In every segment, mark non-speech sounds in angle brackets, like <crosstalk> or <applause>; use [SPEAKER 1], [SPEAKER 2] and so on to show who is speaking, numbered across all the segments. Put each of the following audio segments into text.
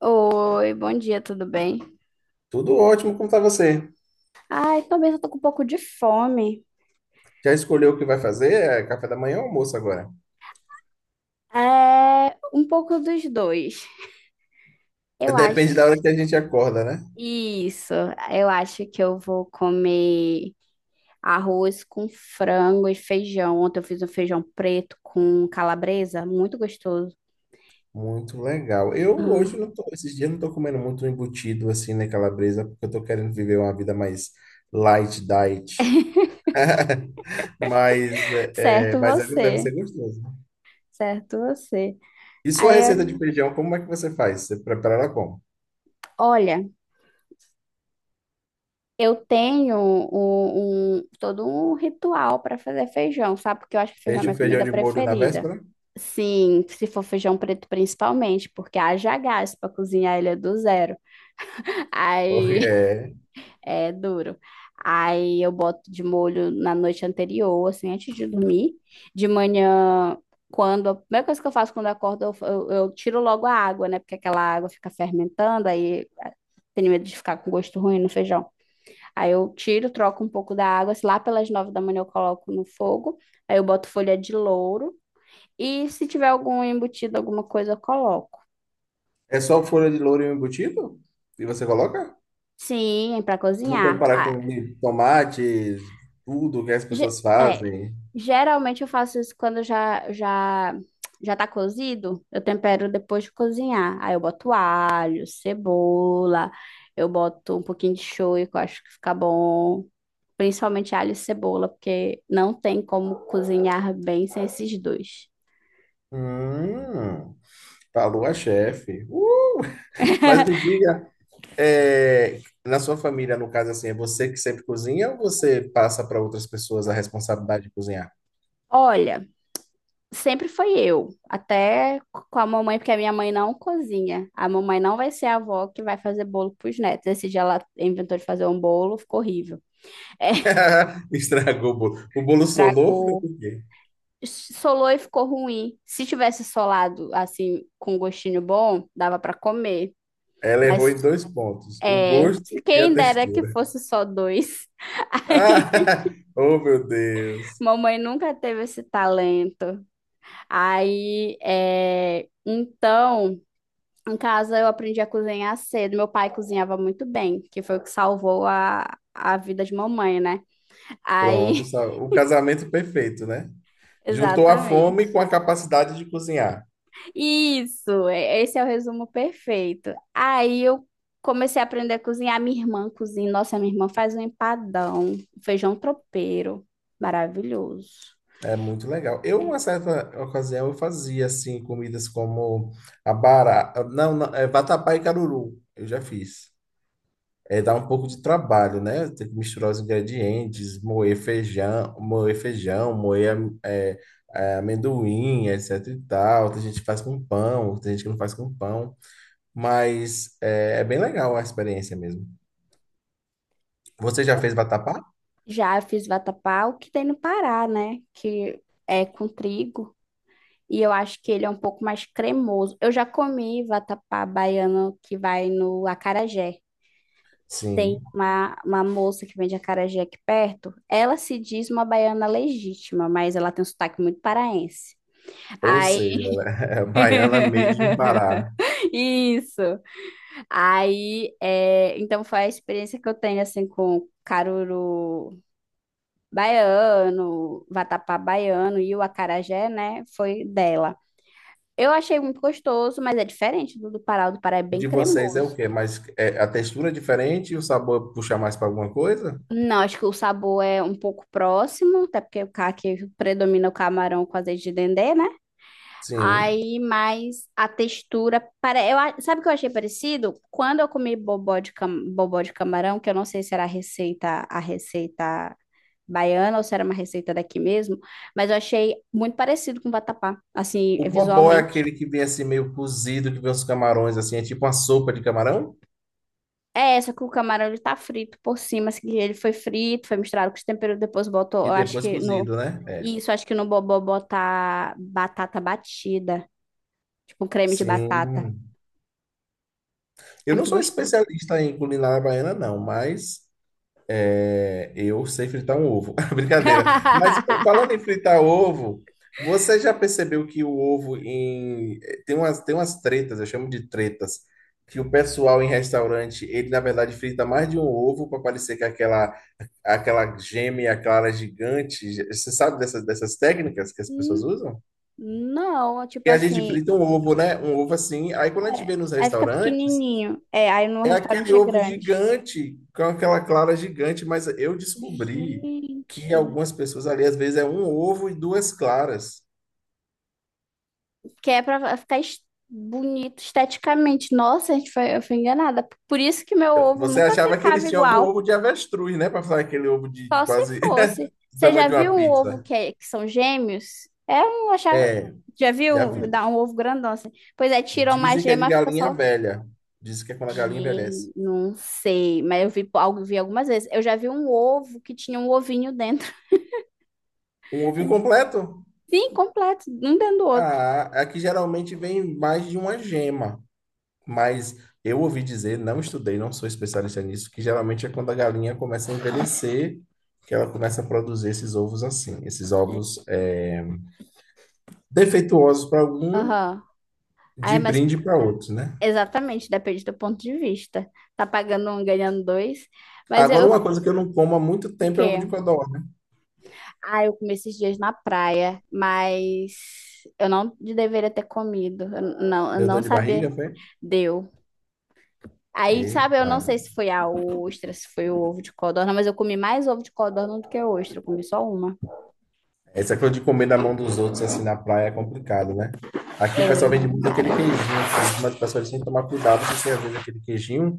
[SPEAKER 1] Oi, bom dia, tudo bem?
[SPEAKER 2] Tudo ótimo, como tá você?
[SPEAKER 1] Ai, também eu tô com um pouco de fome.
[SPEAKER 2] Já escolheu o que vai fazer? É café da manhã ou almoço agora?
[SPEAKER 1] É, um pouco dos dois. Eu
[SPEAKER 2] Depende da hora
[SPEAKER 1] acho.
[SPEAKER 2] que a gente acorda, né?
[SPEAKER 1] Isso, eu acho que eu vou comer arroz com frango e feijão. Ontem eu fiz um feijão preto com calabresa, muito gostoso. <laughs>
[SPEAKER 2] Muito legal. Eu hoje
[SPEAKER 1] Hum.
[SPEAKER 2] não tô, esses dias não tô comendo muito embutido assim, né, calabresa, porque eu tô querendo viver uma vida mais light diet. <laughs> Mas,
[SPEAKER 1] Certo
[SPEAKER 2] mas ela deve
[SPEAKER 1] você,
[SPEAKER 2] ser gostoso. Né?
[SPEAKER 1] certo você.
[SPEAKER 2] E sua
[SPEAKER 1] Aí,
[SPEAKER 2] receita de feijão, como é que você faz? Você prepara ela como?
[SPEAKER 1] olha. Eu tenho todo um ritual para fazer feijão, sabe? Porque eu acho que feijão é
[SPEAKER 2] Deixa o
[SPEAKER 1] minha comida
[SPEAKER 2] feijão de molho na
[SPEAKER 1] preferida.
[SPEAKER 2] véspera?
[SPEAKER 1] Sim, se for feijão preto principalmente, porque haja gás para cozinhar ele é do zero.
[SPEAKER 2] Ou
[SPEAKER 1] Aí <laughs>
[SPEAKER 2] é,
[SPEAKER 1] é duro. Aí eu boto de molho na noite anterior, assim, antes de dormir. De manhã, quando. A primeira coisa que eu faço quando eu acordo, eu tiro logo a água, né? Porque aquela água fica fermentando, aí tenho medo de ficar com gosto ruim no feijão. Aí eu tiro, troco um pouco da água. Se lá pelas 9 da manhã eu coloco no fogo. Aí eu boto folha de louro. E se tiver algum embutido, alguma coisa, eu coloco.
[SPEAKER 2] é só folha de louro e o embutido? E você coloca?
[SPEAKER 1] Sim, para
[SPEAKER 2] Não
[SPEAKER 1] cozinhar.
[SPEAKER 2] preparar
[SPEAKER 1] Ah,
[SPEAKER 2] com tomates, tudo que as
[SPEAKER 1] ge-
[SPEAKER 2] pessoas
[SPEAKER 1] é,
[SPEAKER 2] fazem.
[SPEAKER 1] geralmente eu faço isso quando já tá cozido. Eu tempero depois de cozinhar. Aí eu boto alho, cebola. Eu boto um pouquinho de shoyu, que eu acho que fica bom. Principalmente alho e cebola, porque não tem como cozinhar bem sem esses dois.
[SPEAKER 2] Hum, falou a chefe. Mas me
[SPEAKER 1] <laughs>
[SPEAKER 2] diga, é, na sua família, no caso assim, é você que sempre cozinha ou você passa para outras pessoas a responsabilidade de cozinhar?
[SPEAKER 1] Olha, sempre foi eu, até com a mamãe, porque a minha mãe não cozinha. A mamãe não vai ser a avó que vai fazer bolo pros netos. Esse dia ela inventou de fazer um bolo, ficou horrível. <laughs> É,
[SPEAKER 2] <laughs> Estragou o bolo. O bolo solou, foi
[SPEAKER 1] estragou.
[SPEAKER 2] por quê?
[SPEAKER 1] Solou e ficou ruim. Se tivesse solado assim, com gostinho bom, dava pra comer.
[SPEAKER 2] Ela errou
[SPEAKER 1] Mas
[SPEAKER 2] em dois pontos, o
[SPEAKER 1] é,
[SPEAKER 2] gosto e a
[SPEAKER 1] quem dera que
[SPEAKER 2] textura.
[SPEAKER 1] fosse só dois. <laughs>
[SPEAKER 2] Ah, <laughs> oh, meu Deus.
[SPEAKER 1] Mamãe nunca teve esse talento. Aí, então. Em casa eu aprendi a cozinhar cedo. Meu pai cozinhava muito bem, que foi o que salvou a vida de mamãe, né?
[SPEAKER 2] Pronto,
[SPEAKER 1] Aí,
[SPEAKER 2] o casamento perfeito, né?
[SPEAKER 1] <laughs>
[SPEAKER 2] Juntou a
[SPEAKER 1] exatamente.
[SPEAKER 2] fome com a capacidade de cozinhar.
[SPEAKER 1] Isso, esse é o resumo perfeito. Aí eu comecei a aprender a cozinhar. Minha irmã cozinha. Nossa, minha irmã faz um empadão, feijão tropeiro. Maravilhoso.
[SPEAKER 2] É muito legal. Eu, uma certa ocasião, eu fazia assim comidas como abará, não, não, é vatapá e caruru. Eu já fiz. É, dá um pouco de trabalho, né? Tem que misturar os ingredientes, moer feijão, é, amendoim, etc e tal. Tem gente que faz com pão, tem gente que não faz com pão. Mas é bem legal a experiência mesmo. Você já fez vatapá?
[SPEAKER 1] Já fiz vatapá, o que tem no Pará, né? Que é com trigo. E eu acho que ele é um pouco mais cremoso. Eu já comi vatapá baiano que vai no acarajé. Tem
[SPEAKER 2] Sim.
[SPEAKER 1] uma moça que vende acarajé aqui perto. Ela se diz uma baiana legítima, mas ela tem um sotaque muito paraense.
[SPEAKER 2] Ou
[SPEAKER 1] Aí,
[SPEAKER 2] seja, ela <laughs> é baiana made in Pará.
[SPEAKER 1] <laughs> isso. Aí, então foi a experiência que eu tenho, assim, com caruru baiano, vatapá baiano e o acarajé, né? Foi dela. Eu achei muito gostoso, mas é diferente do Pará. O do Pará é bem
[SPEAKER 2] De vocês é o
[SPEAKER 1] cremoso.
[SPEAKER 2] quê? Mas a textura é diferente e o sabor puxa mais para alguma coisa?
[SPEAKER 1] Não, acho que o sabor é um pouco próximo, até porque o caqui predomina o camarão com azeite de dendê, né?
[SPEAKER 2] Sim.
[SPEAKER 1] Aí, mas a textura, para eu, sabe o que eu achei parecido? Quando eu comi bobó de camarão, que eu não sei se era a receita baiana ou se era uma receita daqui mesmo, mas eu achei muito parecido com vatapá, assim,
[SPEAKER 2] O bobó é
[SPEAKER 1] visualmente.
[SPEAKER 2] aquele que vem assim meio cozido, que vem os camarões assim, é tipo uma sopa de camarão
[SPEAKER 1] É só que o camarão ele tá frito por cima, assim, ele foi frito, foi misturado com os temperos, depois botou, eu
[SPEAKER 2] e
[SPEAKER 1] acho
[SPEAKER 2] depois
[SPEAKER 1] que no
[SPEAKER 2] cozido, né? É.
[SPEAKER 1] isso, acho que no bobó botar batata batida, tipo um creme de batata.
[SPEAKER 2] Sim.
[SPEAKER 1] É
[SPEAKER 2] Eu não
[SPEAKER 1] muito
[SPEAKER 2] sou
[SPEAKER 1] gostoso.
[SPEAKER 2] especialista em culinária baiana, não, mas é, eu sei fritar um ovo. <laughs> Brincadeira. Mas
[SPEAKER 1] <laughs>
[SPEAKER 2] falando em fritar ovo, você já percebeu que o ovo em... tem umas tretas, eu chamo de tretas, que o pessoal em restaurante, ele na verdade frita mais de um ovo para parecer que é aquela gêmea clara gigante. Você sabe dessas, dessas técnicas que as pessoas
[SPEAKER 1] Hum.
[SPEAKER 2] usam?
[SPEAKER 1] Não, tipo
[SPEAKER 2] Que a gente
[SPEAKER 1] assim,
[SPEAKER 2] frita um ovo, né? Um ovo assim. Aí quando a gente
[SPEAKER 1] é,
[SPEAKER 2] vê nos
[SPEAKER 1] aí fica
[SPEAKER 2] restaurantes,
[SPEAKER 1] pequenininho. É, aí no
[SPEAKER 2] é aquele
[SPEAKER 1] restaurante é
[SPEAKER 2] ovo
[SPEAKER 1] grande.
[SPEAKER 2] gigante, com aquela clara gigante, mas eu descobri que
[SPEAKER 1] Gente,
[SPEAKER 2] algumas pessoas ali, às vezes, é um ovo e duas claras.
[SPEAKER 1] que é pra ficar bonito esteticamente. Nossa, a gente foi, eu fui enganada. Por isso que meu ovo
[SPEAKER 2] Você
[SPEAKER 1] nunca
[SPEAKER 2] achava que
[SPEAKER 1] ficava
[SPEAKER 2] eles tinham algum
[SPEAKER 1] igual.
[SPEAKER 2] ovo de avestruz, né? Para falar aquele ovo de
[SPEAKER 1] Só se
[SPEAKER 2] quase <laughs>
[SPEAKER 1] fosse.
[SPEAKER 2] do
[SPEAKER 1] Você
[SPEAKER 2] tamanho
[SPEAKER 1] já
[SPEAKER 2] de uma
[SPEAKER 1] viu um ovo
[SPEAKER 2] pizza.
[SPEAKER 1] que, que são gêmeos? É um, achava.
[SPEAKER 2] É,
[SPEAKER 1] Já viu?
[SPEAKER 2] já vi.
[SPEAKER 1] Dá um ovo grandão assim. Pois é, tira uma
[SPEAKER 2] Dizem que é de
[SPEAKER 1] gema, fica
[SPEAKER 2] galinha
[SPEAKER 1] só.
[SPEAKER 2] velha. Dizem que é quando a galinha envelhece.
[SPEAKER 1] Gente, não sei, mas eu vi, vi algumas vezes. Eu já vi um ovo que tinha um ovinho dentro.
[SPEAKER 2] Um ovo incompleto?
[SPEAKER 1] Sim, completo, um dentro do outro.
[SPEAKER 2] Ah, aqui geralmente vem mais de uma gema. Mas eu ouvi dizer, não estudei, não sou especialista nisso, que geralmente é quando a galinha começa a envelhecer, que ela começa a produzir esses ovos assim,
[SPEAKER 1] Gente.
[SPEAKER 2] defeituosos para algum,
[SPEAKER 1] Aham.
[SPEAKER 2] de
[SPEAKER 1] Aí, mas
[SPEAKER 2] brinde para outros, né?
[SPEAKER 1] exatamente, depende do ponto de vista. Tá pagando um, ganhando dois. Mas
[SPEAKER 2] Agora,
[SPEAKER 1] eu,
[SPEAKER 2] uma coisa que eu não como há muito
[SPEAKER 1] o
[SPEAKER 2] tempo é ovo
[SPEAKER 1] quê?
[SPEAKER 2] de codorna.
[SPEAKER 1] Ah, eu comi esses dias na praia, mas eu não deveria ter comido. Eu não, eu
[SPEAKER 2] Deu
[SPEAKER 1] não
[SPEAKER 2] dor de
[SPEAKER 1] sabia.
[SPEAKER 2] barriga, foi?
[SPEAKER 1] Deu. Aí, sabe, eu
[SPEAKER 2] Eita.
[SPEAKER 1] não sei se foi a ostra, se foi o ovo de codorna, mas eu comi mais ovo de codorna do que ostra. Eu comi só uma.
[SPEAKER 2] Essa coisa de comer na mão dos outros, assim, na praia é complicado, né? Aqui o pessoal vende
[SPEAKER 1] Ei,
[SPEAKER 2] muito aquele
[SPEAKER 1] cara,
[SPEAKER 2] queijinho, assim, mas o pessoal tem que tomar cuidado, porque às vezes aquele queijinho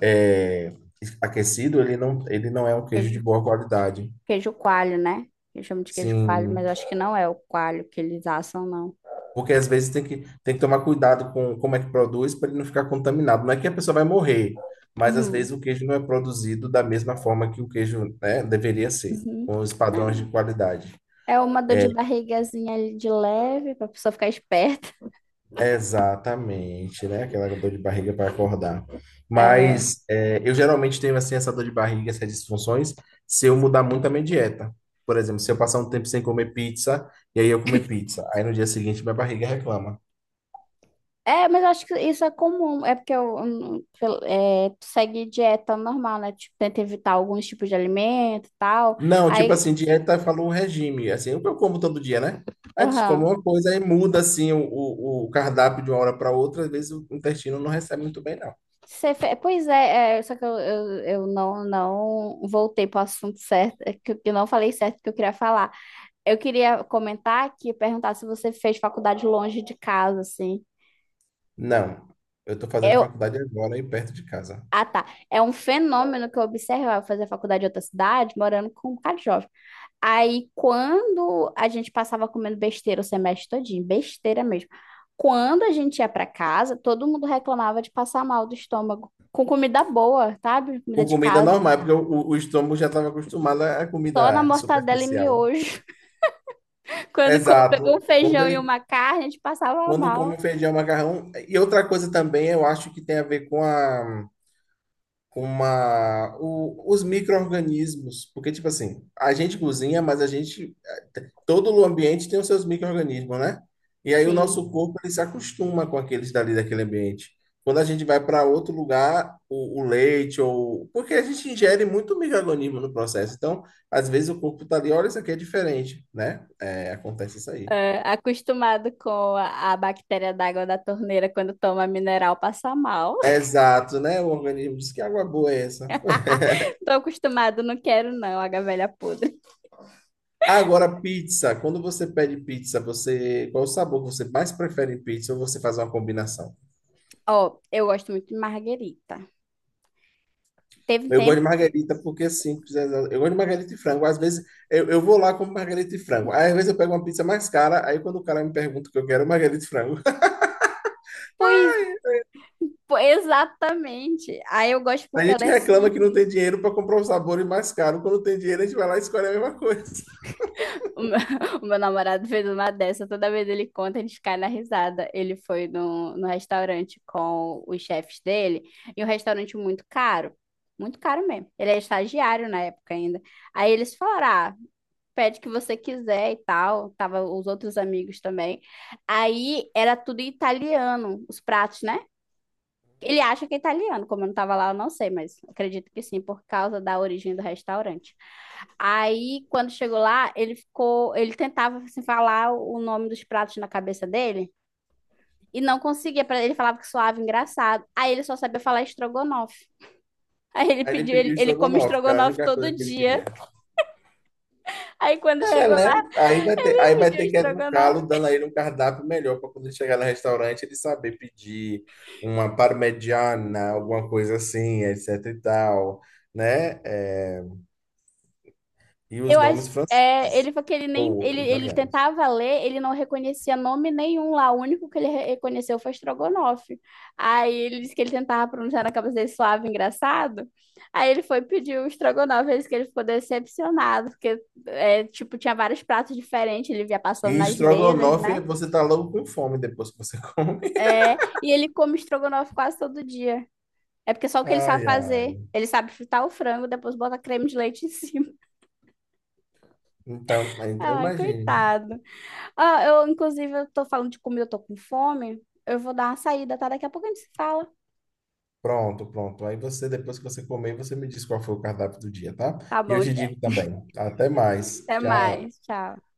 [SPEAKER 2] é, aquecido, ele não é um queijo de
[SPEAKER 1] queijo,
[SPEAKER 2] boa qualidade.
[SPEAKER 1] queijo coalho, né? Eu chamo de queijo coalho, mas eu
[SPEAKER 2] Sim,
[SPEAKER 1] acho que não é o coalho que eles assam, não.
[SPEAKER 2] porque às vezes tem que tomar cuidado com como é que produz para ele não ficar contaminado. Não é que a pessoa vai morrer, mas às
[SPEAKER 1] Uhum.
[SPEAKER 2] vezes o queijo não é produzido da mesma forma que o queijo, né, deveria ser,
[SPEAKER 1] Uhum.
[SPEAKER 2] com os padrões de
[SPEAKER 1] Não.
[SPEAKER 2] qualidade.
[SPEAKER 1] É uma dor de barrigazinha ali de leve, pra pessoa ficar esperta.
[SPEAKER 2] Exatamente, né? Aquela dor de barriga para acordar.
[SPEAKER 1] É.
[SPEAKER 2] Mas eu geralmente tenho assim essa dor de barriga, essas disfunções, se eu mudar muito a minha dieta. Por exemplo, se eu passar um tempo sem comer pizza e aí eu comer pizza, aí no dia seguinte minha barriga reclama.
[SPEAKER 1] É, mas eu acho que isso é comum. É porque eu tu segue dieta normal, né? Tipo, tenta evitar alguns tipos de alimento e tal.
[SPEAKER 2] Não, tipo
[SPEAKER 1] Aí,
[SPEAKER 2] assim, dieta falou regime, assim, eu como todo dia, né? Aí a gente come
[SPEAKER 1] aham.
[SPEAKER 2] uma coisa aí muda assim o cardápio de uma hora para outra, às vezes o intestino não recebe muito bem, não.
[SPEAKER 1] Pois só que eu não voltei para o assunto certo, é que eu não falei certo que eu queria falar. Eu queria comentar aqui, perguntar se você fez faculdade longe de casa, assim.
[SPEAKER 2] Não, eu tô fazendo
[SPEAKER 1] Eu,
[SPEAKER 2] faculdade agora aí perto de casa.
[SPEAKER 1] ah, tá. É um fenômeno que eu observo, eu fazer faculdade em outra cidade, morando com um bocado de jovem. Aí, quando a gente passava comendo besteira o semestre todinho, besteira mesmo. Quando a gente ia para casa, todo mundo reclamava de passar mal do estômago. Com comida boa, sabe? Comida
[SPEAKER 2] Com
[SPEAKER 1] de
[SPEAKER 2] comida
[SPEAKER 1] casa.
[SPEAKER 2] normal, porque o estômago já estava acostumado à
[SPEAKER 1] Só na
[SPEAKER 2] comida
[SPEAKER 1] mortadela e
[SPEAKER 2] superficial.
[SPEAKER 1] miojo. <laughs> Quando pegou um
[SPEAKER 2] Exato.
[SPEAKER 1] feijão e uma carne, a gente passava
[SPEAKER 2] Quando
[SPEAKER 1] mal.
[SPEAKER 2] come feijão, macarrão. E outra coisa também, eu acho que tem a ver com a, com uma, os micro-organismos. Porque, tipo assim, a gente cozinha, mas a gente todo o ambiente tem os seus micro-organismos, né? E aí o
[SPEAKER 1] Sim.
[SPEAKER 2] nosso corpo ele se acostuma com aqueles dali daquele ambiente. Quando a gente vai para outro lugar, o leite ou porque a gente ingere muito micro-organismo no processo. Então, às vezes o corpo tá ali, olha, isso aqui é diferente, né? É, acontece isso aí.
[SPEAKER 1] É, acostumado com a bactéria d'água da torneira quando toma mineral, passa mal.
[SPEAKER 2] É, exato, né? O organismo diz que água boa é essa.
[SPEAKER 1] <laughs> Tô acostumado, não quero não, água velha podre.
[SPEAKER 2] Agora, pizza. Quando você pede pizza, você qual o sabor que você mais prefere em pizza ou você faz uma combinação?
[SPEAKER 1] Ó, eu gosto muito de marguerita. Teve um
[SPEAKER 2] Eu gosto
[SPEAKER 1] tempo.
[SPEAKER 2] de margarita porque é simples. Eu gosto de margarita e frango. Às vezes eu vou lá com margarita e frango. Aí, às vezes eu pego uma pizza mais cara. Aí quando o cara me pergunta o que eu quero, é margarita e frango. <laughs>
[SPEAKER 1] Pois Pô, exatamente. Aí eu gosto
[SPEAKER 2] A
[SPEAKER 1] porque ela
[SPEAKER 2] gente
[SPEAKER 1] é
[SPEAKER 2] reclama que não tem
[SPEAKER 1] simples.
[SPEAKER 2] dinheiro para comprar os sabores mais caro. Quando tem dinheiro, a gente vai lá e escolhe a mesma coisa. <laughs>
[SPEAKER 1] O meu, <laughs> o meu namorado fez uma dessa, toda vez ele conta, ele cai na risada. Ele foi no restaurante com os chefes dele, e um restaurante muito caro mesmo. Ele é estagiário na época ainda. Aí eles falaram, ah, pede o que você quiser e tal. Tava os outros amigos também. Aí era tudo italiano, os pratos, né? Ele acha que é italiano, como eu não estava lá, eu não sei, mas acredito que sim, por causa da origem do restaurante. Aí, quando chegou lá, ele ficou, ele tentava assim, falar o nome dos pratos na cabeça dele e não conseguia, ele falava que soava engraçado. Aí ele só sabia falar estrogonofe. <laughs> Aí ele
[SPEAKER 2] Aí ele
[SPEAKER 1] pediu, ele,
[SPEAKER 2] pediu
[SPEAKER 1] ele come
[SPEAKER 2] estrogonofe, que era a
[SPEAKER 1] estrogonofe
[SPEAKER 2] única coisa
[SPEAKER 1] todo
[SPEAKER 2] que ele
[SPEAKER 1] dia.
[SPEAKER 2] queria.
[SPEAKER 1] Aí quando
[SPEAKER 2] É,
[SPEAKER 1] chegou lá,
[SPEAKER 2] né?
[SPEAKER 1] <laughs>
[SPEAKER 2] Aí
[SPEAKER 1] ele
[SPEAKER 2] vai
[SPEAKER 1] pediu
[SPEAKER 2] ter que
[SPEAKER 1] estrogonofe.
[SPEAKER 2] educá-lo, dando a ele um cardápio melhor para quando ele chegar no restaurante ele saber pedir uma parmegiana, alguma coisa assim, etc e tal, né? É, e os
[SPEAKER 1] Eu acho,
[SPEAKER 2] nomes franceses
[SPEAKER 1] ele falou que ele nem, ele,
[SPEAKER 2] ou
[SPEAKER 1] ele
[SPEAKER 2] italianos.
[SPEAKER 1] tentava ler, ele não reconhecia nome nenhum lá, o único que ele reconheceu foi Strogonoff. Aí ele disse que ele tentava pronunciar na cabeça dele suave, engraçado. Aí ele foi pedir o Strogonoff, ele disse que ele ficou decepcionado, porque, tipo, tinha vários pratos diferentes, ele via passando
[SPEAKER 2] E
[SPEAKER 1] nas mesas,
[SPEAKER 2] estrogonofe,
[SPEAKER 1] né?
[SPEAKER 2] você tá logo com fome depois que você <laughs> come.
[SPEAKER 1] É, e ele come Strogonoff quase todo dia. É porque só o que ele sabe
[SPEAKER 2] Ai,
[SPEAKER 1] fazer.
[SPEAKER 2] ai.
[SPEAKER 1] Ele sabe fritar o frango, depois bota creme de leite em cima.
[SPEAKER 2] Então,
[SPEAKER 1] <laughs>
[SPEAKER 2] então
[SPEAKER 1] Ai,
[SPEAKER 2] imagine, né?
[SPEAKER 1] coitado. Ah, eu, inclusive, eu tô falando de comida, eu tô com fome. Eu vou dar uma saída, tá? Daqui a pouco a gente se fala.
[SPEAKER 2] Pronto, pronto. Aí você, depois que você comer, você me diz qual foi o cardápio do dia, tá?
[SPEAKER 1] Tá
[SPEAKER 2] E eu
[SPEAKER 1] bom,
[SPEAKER 2] te digo
[SPEAKER 1] Jeff.
[SPEAKER 2] também. Até mais.
[SPEAKER 1] Até
[SPEAKER 2] Tchau.
[SPEAKER 1] mais. Tchau.